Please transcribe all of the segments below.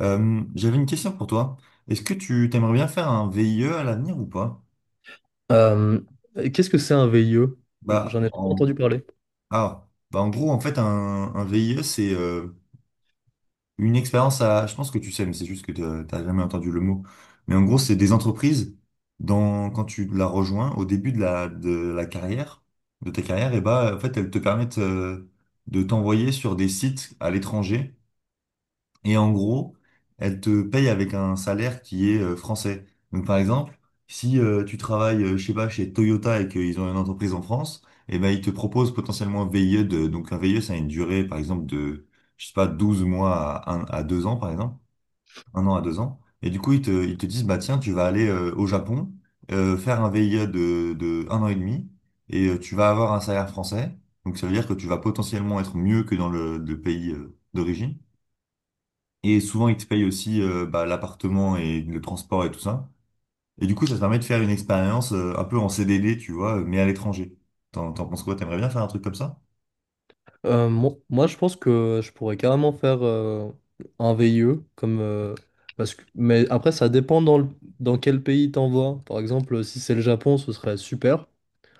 J'avais une question pour toi. Est-ce que tu t'aimerais bien faire un VIE à l'avenir ou pas? Euh, Qu'est-ce que c'est un VIE? Bah, J'en ai jamais en... entendu parler. Ah, bah en gros, en fait, un VIE, c'est une expérience à... Je pense que tu sais, mais c'est juste que t'as jamais entendu le mot. Mais en gros, c'est des entreprises, dans... quand tu la rejoins, au début de la carrière, de ta carrière, et bah, en fait, elles te permettent de t'envoyer sur des sites à l'étranger. Et en gros, elle te paye avec un salaire qui est français. Donc par exemple, si tu travailles, je sais pas, chez Toyota et qu'ils ont une entreprise en France, et ben ils te proposent potentiellement un VIE de, donc un VIE, ça a une durée, par exemple, de, je sais pas, 12 mois à, à 2 ans, par exemple, un an à deux ans. Et du coup, ils te disent, bah tiens, tu vas aller au Japon, faire un VIE de un an et demi, et tu vas avoir un salaire français. Donc ça veut dire que tu vas potentiellement être mieux que dans le pays d'origine. Et souvent, ils te payent aussi bah, l'appartement et le transport et tout ça. Et du coup, ça te permet de faire une expérience un peu en CDD, tu vois, mais à l'étranger. T'en penses quoi? T'aimerais bien faire un truc comme ça? Moi, je pense que je pourrais carrément faire un VIE, mais après, ça dépend dans quel pays t'envoies. Par exemple, si c'est le Japon, ce serait super.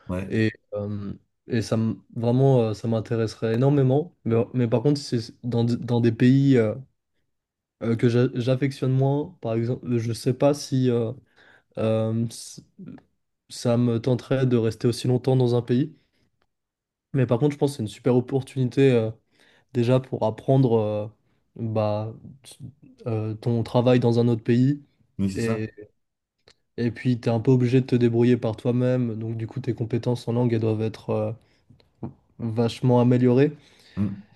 Ouais, Et, euh, et ça, vraiment, ça m'intéresserait énormément. Mais par contre, si c'est dans des pays que j'affectionne moins, par exemple, je sais pas si euh, s- ça me tenterait de rester aussi longtemps dans un pays. Mais par contre, je pense que c'est une super opportunité déjà pour apprendre bah, t- ton travail dans un autre pays. oui, c'est ça. Et, et puis, tu es un peu obligé de te débrouiller par toi-même. Donc, du coup, tes compétences en langue, elles doivent être vachement améliorées. Mm.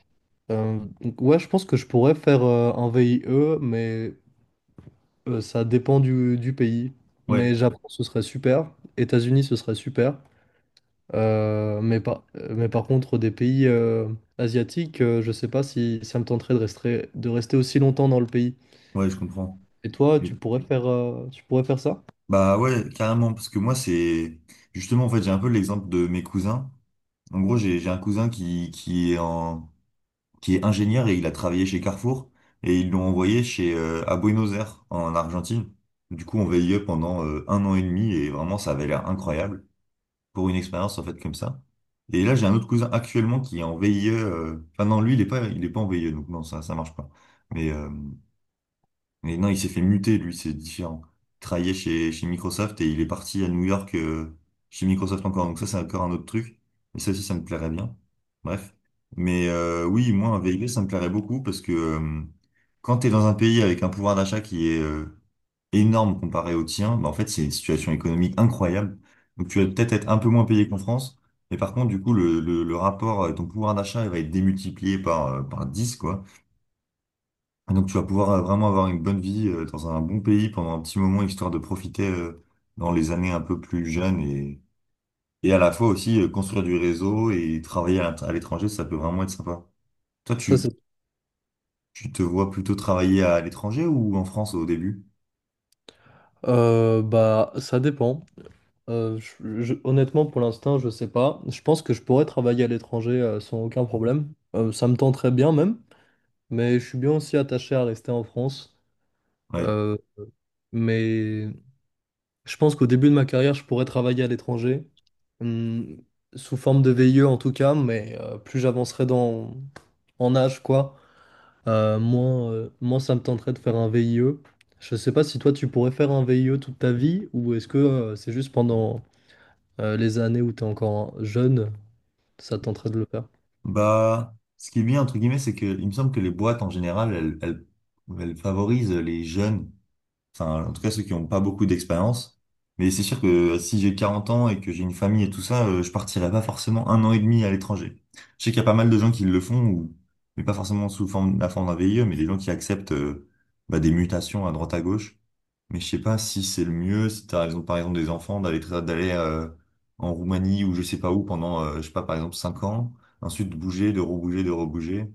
Donc, ouais, je pense que je pourrais faire un VIE, mais ça dépend du pays. Ouais, Mais Japon, ce serait super. États-Unis, ce serait super. Mais par contre, des pays asiatiques, je sais pas si ça me tenterait de rester aussi longtemps dans le pays. ouais, je comprends. Et toi, Oui. Tu pourrais faire ça? Bah ouais, carrément, parce que moi, c'est... Justement, en fait, j'ai un peu l'exemple de mes cousins. En gros, j'ai un cousin qui est en... qui est ingénieur et il a travaillé chez Carrefour et ils l'ont envoyé chez à Buenos Aires en Argentine. Du coup, on VIE pendant un an et demi et vraiment ça avait l'air incroyable pour une expérience en fait comme ça. Et là, j'ai un autre cousin actuellement qui est en VIE. Enfin non, lui il est pas en VIE donc non ça marche pas. Mais euh, mais non, il s'est fait muter, lui, c'est différent. Il travaillait chez Microsoft et il est parti à New York chez Microsoft encore. Donc ça, c'est encore un autre truc. Et ça aussi, ça me plairait bien. Bref. Mais oui, moi, un VIB, ça me plairait beaucoup parce que quand tu es dans un pays avec un pouvoir d'achat qui est énorme comparé au tien, bah, en fait, c'est une situation économique incroyable. Donc tu vas peut-être être un peu moins payé qu'en France. Mais par contre, du coup, le rapport, ton pouvoir d'achat, il va être démultiplié par 10 quoi. Et donc tu vas pouvoir vraiment avoir une bonne vie dans un bon pays pendant un petit moment, histoire de profiter dans les années un peu plus jeunes et à la fois aussi construire du réseau et travailler à l'étranger, ça peut vraiment être sympa. Toi, Ça, tu, c'est... tu te vois plutôt travailler à l'étranger ou en France au début? Bah, ça dépend. Honnêtement, pour l'instant, je sais pas. Je pense que je pourrais travailler à l'étranger sans aucun problème. Ça me tenterait bien même, mais je suis bien aussi attaché à rester en France. Ouais. Euh, mais je pense qu'au début de ma carrière, je pourrais travailler à l'étranger, hum, sous forme de VIE en tout cas, mais plus j'avancerai dans en âge, quoi, moins ça me tenterait de faire un VIE. Je sais pas si toi tu pourrais faire un VIE toute ta vie, ou est-ce que c'est juste pendant les années où tu es encore jeune, ça te tenterait de le faire? Bah, ce qui est bien, entre guillemets, c'est que il me semble que les boîtes en général, elles favorisent les jeunes. Enfin, en tout cas, ceux qui n'ont pas beaucoup d'expérience. Mais c'est sûr que si j'ai 40 ans et que j'ai une famille et tout ça, je partirai pas forcément un an et demi à l'étranger. Je sais qu'il y a pas mal de gens qui le font, ou, mais pas forcément sous forme, la forme d'un VIE, mais des gens qui acceptent bah, des mutations à droite à gauche. Mais je sais pas si c'est le mieux, si t'as raison, par exemple, des enfants, d'aller en Roumanie ou je sais pas où pendant, je sais pas, par exemple, 5 ans, ensuite de bouger, de rebouger, de rebouger.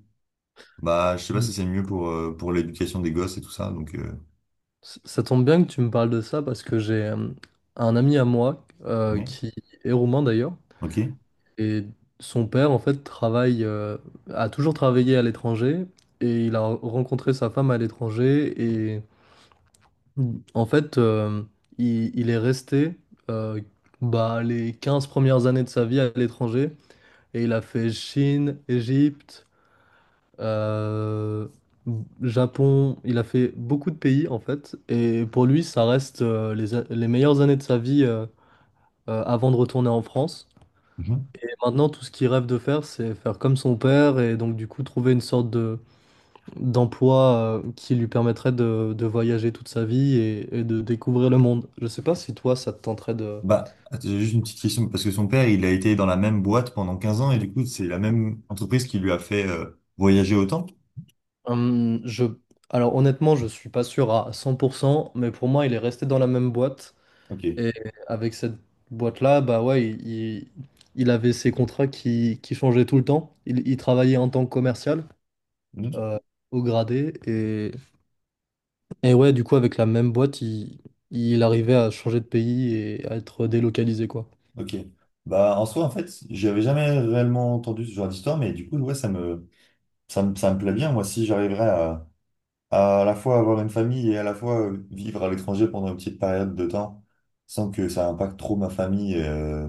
Bah, je sais pas Mm. si c'est le mieux pour l'éducation des gosses et tout ça, donc... Ça tombe bien que tu me parles de ça parce que j'ai un ami à moi ouais. qui est roumain d'ailleurs. Ok. Et son père, en fait, a toujours travaillé à l'étranger et il a rencontré sa femme à l'étranger. Et en fait, il est resté euh, bah, les 15 premières années de sa vie à l'étranger et il a fait Chine, Égypte, euh, Japon. Il a fait beaucoup de pays, en fait. Et pour lui, ça reste les meilleures années de sa vie avant de retourner en France. Mhm. Maintenant, tout ce qu'il rêve de faire, c'est faire comme son père et donc du coup trouver une sorte de d'emploi qui lui permettrait de voyager toute sa vie et de découvrir le monde. Je sais pas si toi, ça te tenterait de... Bah, attends, j'ai juste une petite question, parce que son père, il a été dans la même boîte pendant 15 ans, et du coup, c'est la même entreprise qui lui a fait voyager autant? Je... Alors honnêtement, je suis pas sûr à 100%, mais pour moi, il est resté dans la même boîte Ok. et avec cette boîte-là, bah ouais, il avait ses contrats qui changeaient tout le temps. Il travaillait en tant que commercial. Mhm. euh, Au gradé et. Et ouais, du coup, avec la même boîte, il arrivait à changer de pays et à être délocalisé, quoi. Ok. Bah, en soi, en fait, j'avais jamais réellement entendu ce genre d'histoire, mais du coup, ouais, ça me plaît bien. Moi, si j'arriverais à à la fois avoir une famille et à la fois vivre à l'étranger pendant une petite période de temps, sans que ça impacte trop ma famille,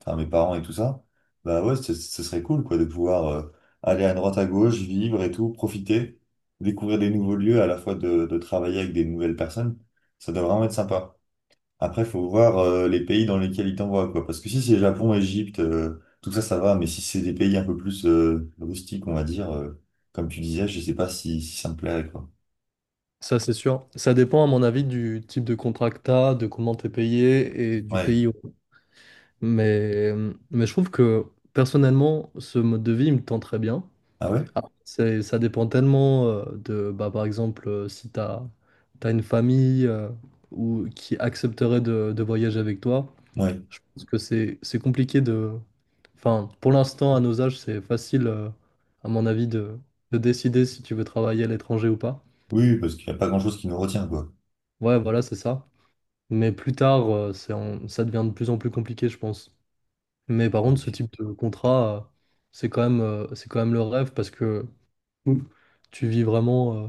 enfin mes parents et tout ça, bah ouais, ce serait cool quoi de pouvoir aller à droite à gauche, vivre et tout, profiter, découvrir des nouveaux lieux, à la fois de travailler avec des nouvelles personnes. Ça doit vraiment être sympa. Après, faut voir les pays dans lesquels ils t'envoient quoi, parce que si c'est Japon, Égypte, tout ça, ça va, mais si c'est des pays un peu plus rustiques, on va dire, comme tu disais, je sais pas si ça me plairait quoi. Ça, c'est sûr. Ça dépend, à mon avis, du type de contrat que t'as, de comment t'es payé et du Ouais. pays. Mais, je trouve que, personnellement, ce mode de vie, il me tend très bien. Ah ouais? Après, ça dépend tellement bah, par exemple, si t'as, t'as une famille ou qui accepterait de voyager avec toi. Ouais. Je pense que c'est compliqué de... Enfin, pour l'instant, à nos âges, c'est facile, à mon avis, de décider si tu veux travailler à l'étranger ou pas. Oui, parce qu'il n'y a pas grand-chose qui nous retient quoi. Ouais, voilà, c'est ça. Mais plus tard, ça devient de plus en plus compliqué, je pense. Mais par contre, ce Ouais. type de contrat, c'est quand même le rêve parce que Ouh, tu vis vraiment,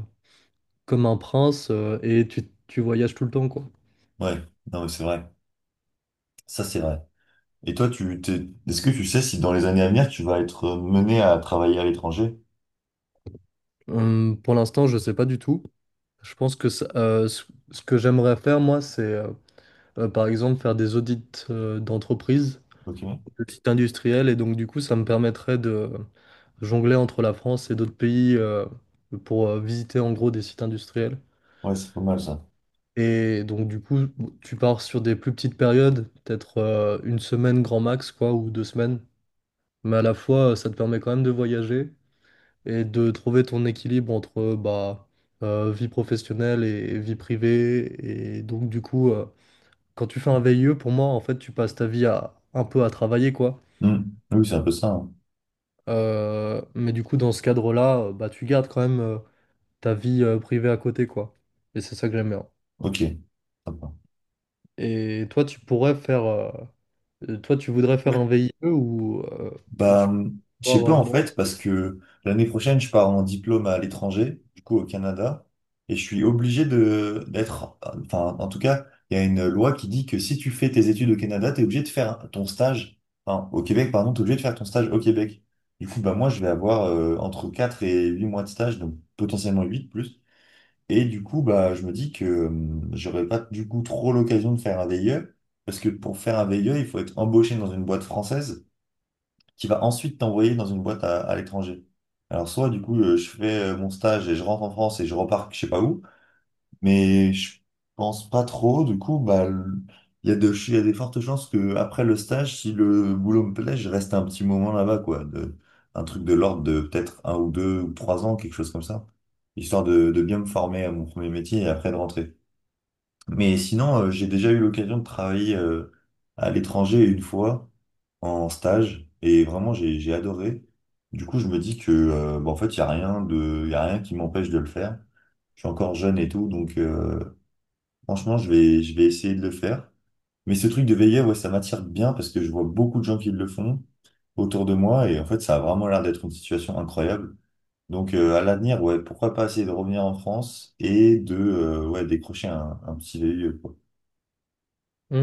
comme un prince, tu voyages tout le temps, quoi. Ouais. Non mais c'est vrai. Ça c'est vrai. Et toi, est-ce que tu sais si dans les années à venir, tu vas être mené à travailler à l'étranger? Pour l'instant, je sais pas du tout. Je pense que ce que j'aimerais faire, moi, c'est... par exemple, faire des audits d'entreprise, Ok. de sites industriels, et donc du coup, ça me permettrait de jongler entre la France et d'autres pays pour visiter en gros des sites industriels. Ouais, c'est pas mal ça. Et donc du coup, tu pars sur des plus petites périodes, peut-être une semaine grand max, quoi, ou 2 semaines. Mais à la fois, ça te permet quand même de voyager et de trouver ton équilibre entre bah, vie professionnelle et vie privée. Et donc du coup, quand tu fais un VIE, pour moi, en fait, tu passes ta vie à un peu à travailler, quoi. Hmm. Oui, c'est un peu ça. Hein. Mais du coup, dans ce cadre-là, bah, tu gardes quand même ta vie privée à côté, quoi. Et c'est ça que j'aime bien. Ok. Sympa. Et toi, tu pourrais faire, toi, tu voudrais faire un Ouais. VIE ou tu Bah, je pourrais sais pas avoir en moins. fait, parce que l'année prochaine, je pars en diplôme à l'étranger, du coup au Canada, et je suis obligé de d'être, enfin, en tout cas, il y a une loi qui dit que si tu fais tes études au Canada, t'es obligé de faire ton stage, enfin, au Québec, pardon, t'es obligé de faire ton stage au Québec. Du coup, bah, moi, je vais avoir entre 4 et 8 mois de stage, donc potentiellement 8 plus. Et du coup, bah, je me dis que j'aurais pas du coup trop l'occasion de faire un VIE, parce que pour faire un VIE, il faut être embauché dans une boîte française qui va ensuite t'envoyer dans une boîte à l'étranger. Alors soit du coup je fais mon stage et je rentre en France et je repars je sais pas où, mais je pense pas trop, du coup bah il y a des fortes chances que après le stage, si le boulot me plaît, je reste un petit moment là-bas, quoi, de, un truc de l'ordre de peut-être un ou deux ou trois ans, quelque chose comme ça, histoire de bien me former à mon premier métier et après de rentrer. Mais sinon, j'ai déjà eu l'occasion de travailler à l'étranger une fois en stage et vraiment j'ai adoré. Du coup, je me dis que bah, en fait, il y a rien de y a rien qui m'empêche de le faire. Je suis encore jeune et tout, donc franchement, je vais essayer de le faire. Mais ce truc de veilleur, ouais, ça m'attire bien parce que je vois beaucoup de gens qui le font autour de moi et en fait, ça a vraiment l'air d'être une situation incroyable. Donc à l'avenir, ouais, pourquoi pas essayer de revenir en France et de ouais, décrocher un petit VIE. Hmm.